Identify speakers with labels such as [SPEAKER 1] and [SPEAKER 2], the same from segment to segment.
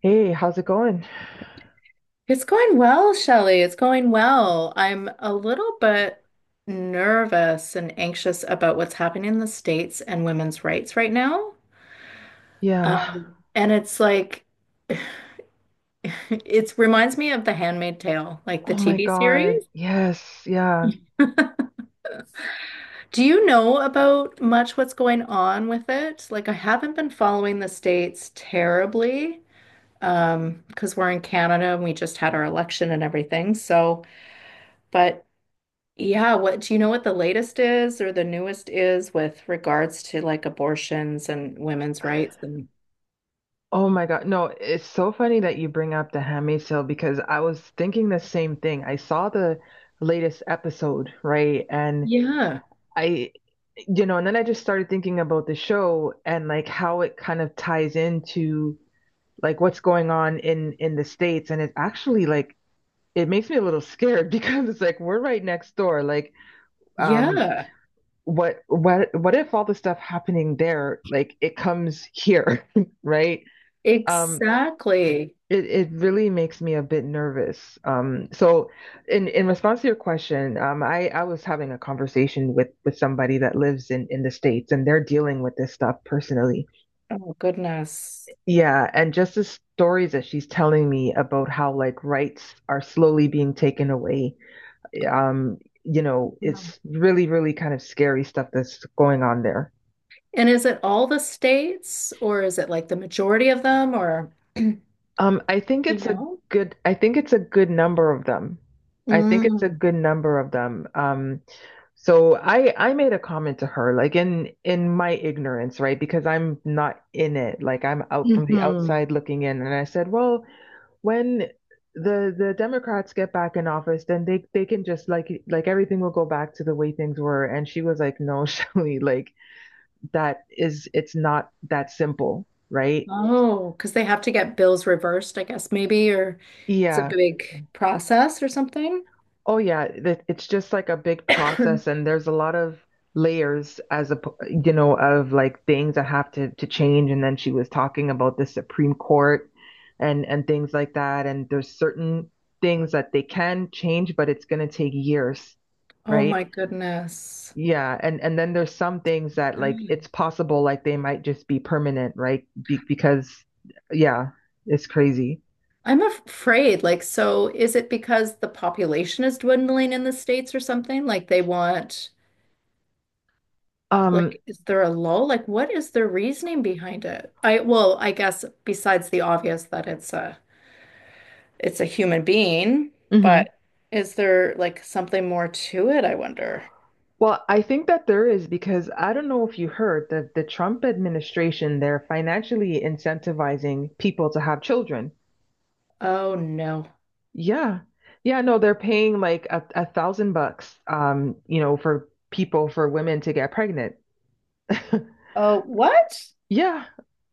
[SPEAKER 1] Hey, how's it going?
[SPEAKER 2] It's going well, Shelley. It's going well. I'm a little bit nervous and anxious about what's happening in the States and women's rights right now.
[SPEAKER 1] Yeah.
[SPEAKER 2] Um, and it's like, it reminds me of The Handmaid's Tale, like the
[SPEAKER 1] Oh my
[SPEAKER 2] TV
[SPEAKER 1] God.
[SPEAKER 2] series.
[SPEAKER 1] Yes. Yeah.
[SPEAKER 2] Do you know about much what's going on with it? Like, I haven't been following the States terribly, because we're in Canada and we just had our election and everything. So, but yeah, what do you know what the latest is or the newest is with regards to like abortions and women's rights and
[SPEAKER 1] Oh my God. No, it's so funny that you bring up The Handmaid's Tale because I was thinking the same thing. I saw the latest episode, right? And
[SPEAKER 2] yeah,
[SPEAKER 1] I, and then I just started thinking about the show and like how it kind of ties into like what's going on in the States. And it actually like it makes me a little scared because it's like we're right next door. Like, um,
[SPEAKER 2] yeah,
[SPEAKER 1] what if all the stuff happening there like it comes here right um
[SPEAKER 2] exactly.
[SPEAKER 1] it really makes me a bit nervous. So in response to your question, I was having a conversation with somebody that lives in the states and they're dealing with this stuff personally.
[SPEAKER 2] Oh goodness.
[SPEAKER 1] Yeah, and just the stories that she's telling me about how like rights are slowly being taken away um
[SPEAKER 2] Wow.
[SPEAKER 1] it's really really kind of scary stuff that's going on there.
[SPEAKER 2] And is it all the states or is it like the majority of them or you
[SPEAKER 1] Um, I think it's a
[SPEAKER 2] know?
[SPEAKER 1] I think it's a good number of them. I think it's a
[SPEAKER 2] Mm.
[SPEAKER 1] good number of them. So I made a comment to her, like in my ignorance, right? Because I'm not in it. Like I'm out from the
[SPEAKER 2] Hmm.
[SPEAKER 1] outside looking in. And I said, well, when the Democrats get back in office, then they can just like everything will go back to the way things were. And she was like, no, Shelley, like that is it's not that simple, right?
[SPEAKER 2] Oh, because they have to get bills reversed, I guess maybe, or it's a
[SPEAKER 1] Yeah.
[SPEAKER 2] big process or something.
[SPEAKER 1] Oh yeah, it's just like a big process and there's a lot of layers as a of like things that have to change. And then she was talking about the Supreme Court, and things like that, and there's certain things that they can change, but it's going to take years,
[SPEAKER 2] Oh
[SPEAKER 1] right?
[SPEAKER 2] my goodness.
[SPEAKER 1] Yeah, and then there's some things that like it's possible like they might just be permanent, right? Be because yeah, it's crazy.
[SPEAKER 2] I'm afraid, like, so is it because the population is dwindling in the States or something? Like they want,
[SPEAKER 1] Um
[SPEAKER 2] like, is there a lull? Like, what is their reasoning behind it? I, well, I guess besides the obvious that it's a human being,
[SPEAKER 1] mhm.
[SPEAKER 2] but is there like something more to it, I wonder?
[SPEAKER 1] Well, I think that there is because I don't know if you heard that the Trump administration, they're financially incentivizing people to have children.
[SPEAKER 2] Oh no.
[SPEAKER 1] Yeah. Yeah, no, they're paying like a thousand bucks, for people, for women to get pregnant.
[SPEAKER 2] Oh, what?
[SPEAKER 1] Yeah.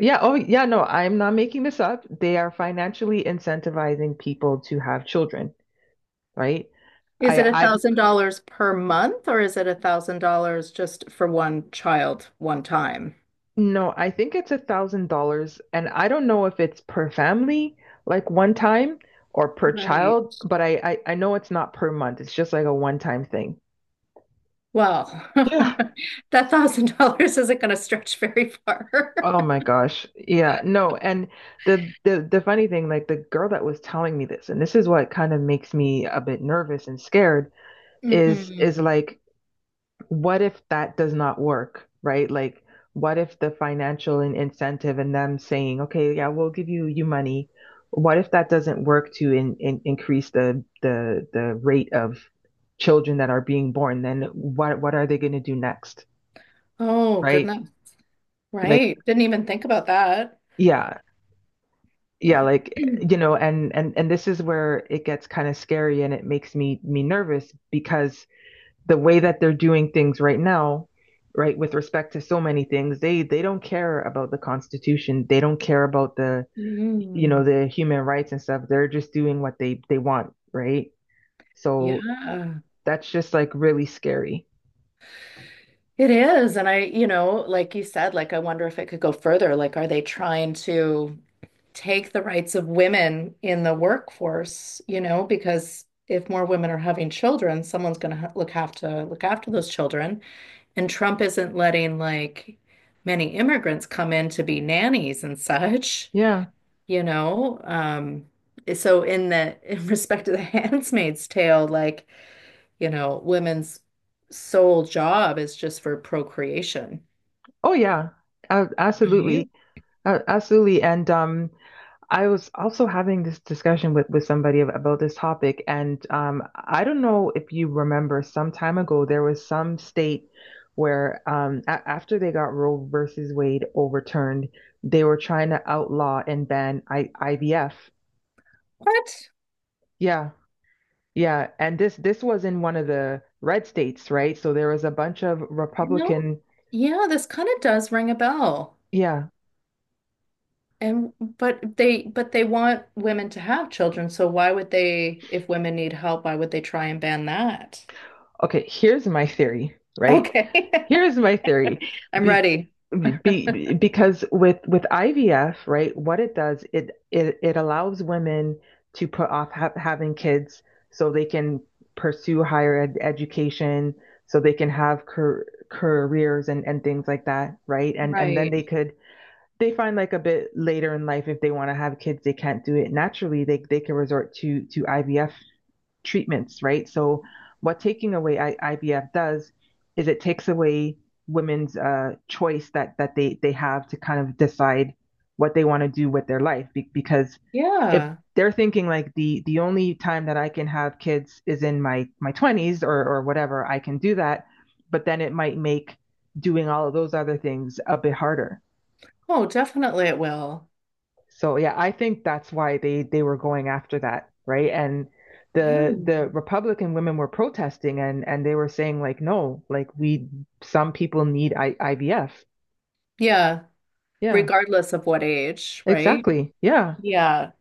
[SPEAKER 1] Yeah. Oh, yeah. No, I'm not making this up. They are financially incentivizing people to have children, right?
[SPEAKER 2] Is it a
[SPEAKER 1] I,
[SPEAKER 2] thousand dollars per month or is it $1,000 just for one child one time?
[SPEAKER 1] No, I think it's $1,000, and I don't know if it's per family, like one time, or per
[SPEAKER 2] Right.
[SPEAKER 1] child, but I know it's not per month. It's just like a one-time thing.
[SPEAKER 2] Well,
[SPEAKER 1] Yeah.
[SPEAKER 2] that 1,000 dollars isn't going to stretch very far.
[SPEAKER 1] Oh my gosh. Yeah, no, and the funny thing, like the girl that was telling me this, and this is what kind of makes me a bit nervous and scared, is
[SPEAKER 2] Hmm.
[SPEAKER 1] like what if that does not work, right? Like, what if the financial and incentive and them saying, okay, yeah, we'll give you money. What if that doesn't work to increase the rate of children that are being born? Then what are they going to do next,
[SPEAKER 2] Oh,
[SPEAKER 1] right?
[SPEAKER 2] goodness.
[SPEAKER 1] Like,
[SPEAKER 2] Right. Didn't even think about that.
[SPEAKER 1] yeah, yeah, like and this is where it gets kind of scary and it makes me nervous because the way that they're doing things right now, right, with respect to so many things, they don't care about the Constitution. They don't care about the you know
[SPEAKER 2] Mm,
[SPEAKER 1] the human rights and stuff. They're just doing what they want, right? So
[SPEAKER 2] yeah,
[SPEAKER 1] that's just like really scary.
[SPEAKER 2] it is. And I, you know, like you said, like I wonder if it could go further. Like, are they trying to take the rights of women in the workforce, you know, because if more women are having children, someone's going to ha look have to look after those children. And Trump isn't letting like many immigrants come in to be nannies and such,
[SPEAKER 1] Yeah.
[SPEAKER 2] you know. So in the in respect to the Handmaid's Tale, like, you know, women's sole job is just for procreation.
[SPEAKER 1] Oh yeah. Absolutely.
[SPEAKER 2] Right.
[SPEAKER 1] Absolutely. And I was also having this discussion with somebody about this topic, and I don't know if you remember some time ago, there was some state where a after they got Roe versus Wade overturned, they were trying to outlaw and ban I IVF.
[SPEAKER 2] But,
[SPEAKER 1] Yeah, yeah, and this was in one of the red states, right? So there was a bunch of
[SPEAKER 2] you know,
[SPEAKER 1] Republican.
[SPEAKER 2] yeah, this kind of does ring a bell.
[SPEAKER 1] Yeah.
[SPEAKER 2] And but they want women to have children, so why would they, if women need help, why would they try and ban that?
[SPEAKER 1] Okay, here's my theory, right?
[SPEAKER 2] Okay.
[SPEAKER 1] Here's my theory.
[SPEAKER 2] I'm
[SPEAKER 1] Be,
[SPEAKER 2] ready.
[SPEAKER 1] because with IVF, right, what it does, it allows women to put off ha having kids so they can pursue higher ed education, so they can have careers and things like that, right? And then
[SPEAKER 2] Right.
[SPEAKER 1] they find like a bit later in life if they want to have kids, they can't do it naturally. They can resort to IVF treatments, right? So what taking away IVF does is it takes away women's choice that they have to kind of decide what they want to do with their life because if
[SPEAKER 2] Yeah.
[SPEAKER 1] they're thinking like the only time that I can have kids is in my 20s or whatever, I can do that, but then it might make doing all of those other things a bit harder.
[SPEAKER 2] Oh, definitely it will.
[SPEAKER 1] So yeah, I think that's why they were going after that, right? And
[SPEAKER 2] Yeah.
[SPEAKER 1] the Republican women were protesting and they were saying like, no, like we some people need IVF.
[SPEAKER 2] Yeah.
[SPEAKER 1] Yeah,
[SPEAKER 2] Regardless of what age, right?
[SPEAKER 1] exactly. Yeah,
[SPEAKER 2] Yeah.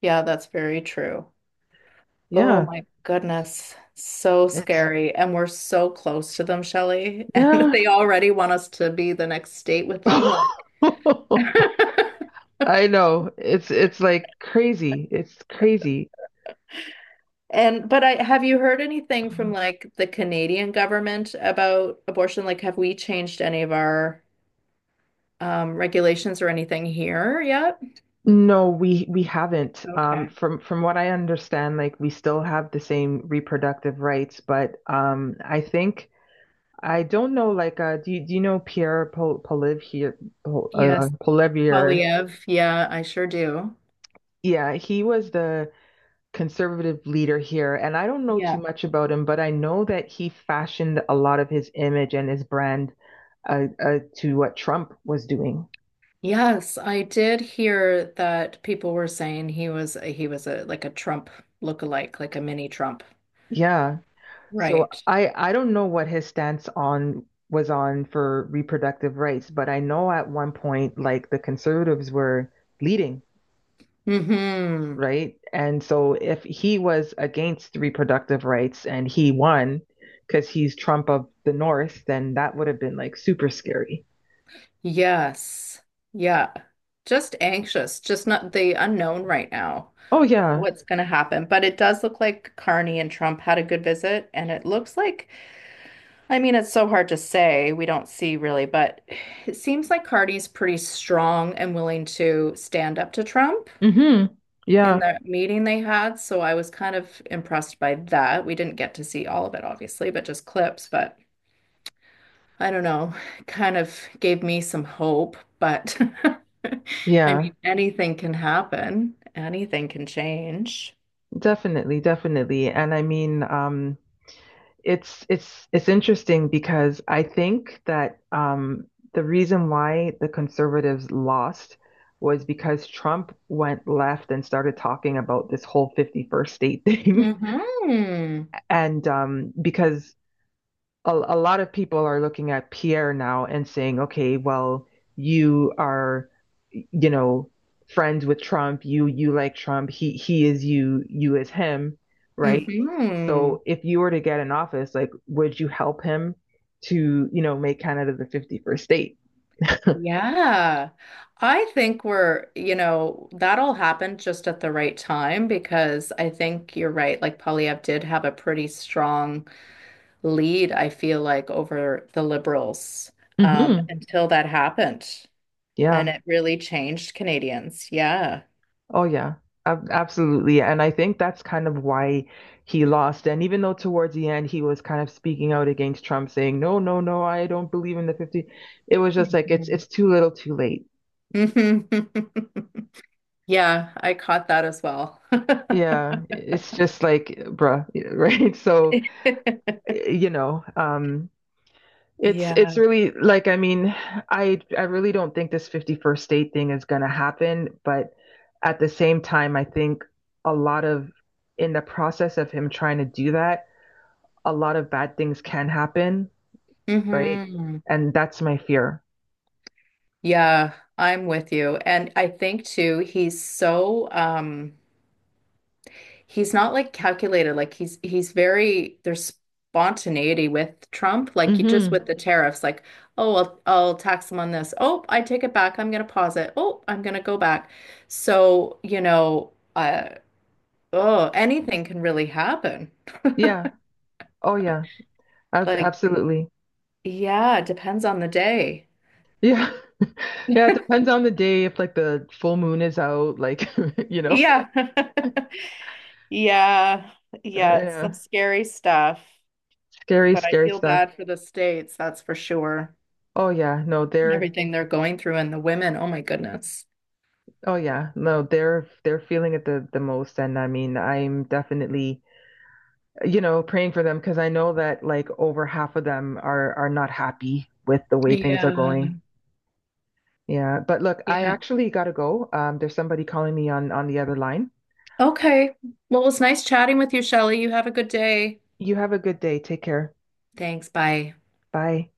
[SPEAKER 2] Yeah, that's very true. Oh
[SPEAKER 1] yeah.
[SPEAKER 2] my goodness. So
[SPEAKER 1] It's
[SPEAKER 2] scary. And we're so close to them, Shelley. And
[SPEAKER 1] yeah.
[SPEAKER 2] they already want us to be the next state with them. Like
[SPEAKER 1] I know. It's like crazy. It's crazy.
[SPEAKER 2] And but I have you heard anything from like the Canadian government about abortion? Like, have we changed any of our regulations or anything here yet?
[SPEAKER 1] No, we haven't.
[SPEAKER 2] Okay.
[SPEAKER 1] From what I understand, like we still have the same reproductive rights, but I don't know, like, do you know Pierre Polivier,
[SPEAKER 2] Yes,
[SPEAKER 1] Poilievre?
[SPEAKER 2] Polyev. Yeah, I sure do.
[SPEAKER 1] Yeah, he was the conservative leader here, and I don't know too
[SPEAKER 2] Yeah.
[SPEAKER 1] much about him, but I know that he fashioned a lot of his image and his brand to what Trump was doing.
[SPEAKER 2] Yes, I did hear that people were saying he was a like a Trump lookalike, like a mini Trump.
[SPEAKER 1] Yeah, so
[SPEAKER 2] Right.
[SPEAKER 1] I don't know what his stance on was on for reproductive rights, but I know at one point, like, the conservatives were leading,
[SPEAKER 2] Mm-hmm.
[SPEAKER 1] right? And so if he was against reproductive rights and he won because he's Trump of the North, then that would have been like super scary.
[SPEAKER 2] Yes. Yeah. Just anxious, just not the unknown right now.
[SPEAKER 1] Oh yeah.
[SPEAKER 2] What's going to happen? But it does look like Carney and Trump had a good visit, and it looks like I mean, it's so hard to say. We don't see really, but it seems like Cardi's pretty strong and willing to stand up to Trump
[SPEAKER 1] Hmm.
[SPEAKER 2] in
[SPEAKER 1] Yeah.
[SPEAKER 2] the meeting they had. So I was kind of impressed by that. We didn't get to see all of it, obviously, but just clips. But I don't know, kind of gave me some hope. But I
[SPEAKER 1] Yeah.
[SPEAKER 2] mean, anything can happen, anything can change.
[SPEAKER 1] Definitely, definitely. And I mean, it's interesting because I think that the reason why the conservatives lost was because Trump went left and started talking about this whole 51st state thing.
[SPEAKER 2] Mm-hmm.
[SPEAKER 1] And because a lot of people are looking at Pierre now and saying, okay, well, you are, you know, friends with Trump. You like Trump. He is you. You is him, right?
[SPEAKER 2] Mm-hmm.
[SPEAKER 1] So if you were to get in office, like, would you help him to, make Canada the 51st state?
[SPEAKER 2] Yeah. I think we're, you know, that all happened just at the right time because I think you're right. Like Polyev did have a pretty strong lead, I feel like, over the Liberals
[SPEAKER 1] Hmm.
[SPEAKER 2] until that happened. And
[SPEAKER 1] Yeah.
[SPEAKER 2] it really changed Canadians. Yeah.
[SPEAKER 1] Oh yeah, ab absolutely. Yeah, and I think that's kind of why he lost. And even though towards the end he was kind of speaking out against Trump, saying, "No, no, no, I don't believe in the 50," it was just like it's
[SPEAKER 2] Mhm.
[SPEAKER 1] it's too little, too late.
[SPEAKER 2] Mhm. Yeah, I caught that as well.
[SPEAKER 1] Yeah, it's just like, bruh, right? So, you know, um, it's
[SPEAKER 2] Yeah.
[SPEAKER 1] it's really like I mean, I really don't think this 51st state thing is gonna happen, but at the same time, I think a lot of in the process of him trying to do that a lot of bad things can happen, right?
[SPEAKER 2] Hmm.
[SPEAKER 1] And that's my fear.
[SPEAKER 2] Yeah, I'm with you. And I think too, he's so he's not like calculated. Like he's very there's spontaneity with Trump, like he- just
[SPEAKER 1] Mm-hmm.
[SPEAKER 2] with the tariffs, like, oh, I'll tax him on this. Oh, I take it back. I'm gonna pause it. Oh, I'm gonna go back. So, you know, oh, anything can really happen.
[SPEAKER 1] Yeah. Oh, yeah. Ab
[SPEAKER 2] Like,
[SPEAKER 1] Absolutely.
[SPEAKER 2] yeah, it depends on the day.
[SPEAKER 1] Yeah. Yeah. It depends on the day if like the full moon is out, like, you know.
[SPEAKER 2] Yeah. Yeah. Yeah. Some
[SPEAKER 1] Yeah.
[SPEAKER 2] scary stuff.
[SPEAKER 1] Scary,
[SPEAKER 2] But I
[SPEAKER 1] scary
[SPEAKER 2] feel
[SPEAKER 1] stuff.
[SPEAKER 2] bad for the states, that's for sure.
[SPEAKER 1] Oh, yeah. No,
[SPEAKER 2] And
[SPEAKER 1] they're.
[SPEAKER 2] everything they're going through and the women. Oh my goodness.
[SPEAKER 1] Oh, yeah. No, they're feeling it the most. And I mean, I'm definitely, praying for them because I know that like over half of them are not happy with the way things are going.
[SPEAKER 2] Yeah,
[SPEAKER 1] Yeah, but look, I
[SPEAKER 2] yeah.
[SPEAKER 1] actually gotta go. There's somebody calling me on the other line.
[SPEAKER 2] Okay. Well, it was nice chatting with you, Shelley. You have a good day.
[SPEAKER 1] You have a good day. Take care.
[SPEAKER 2] Thanks. Bye.
[SPEAKER 1] Bye.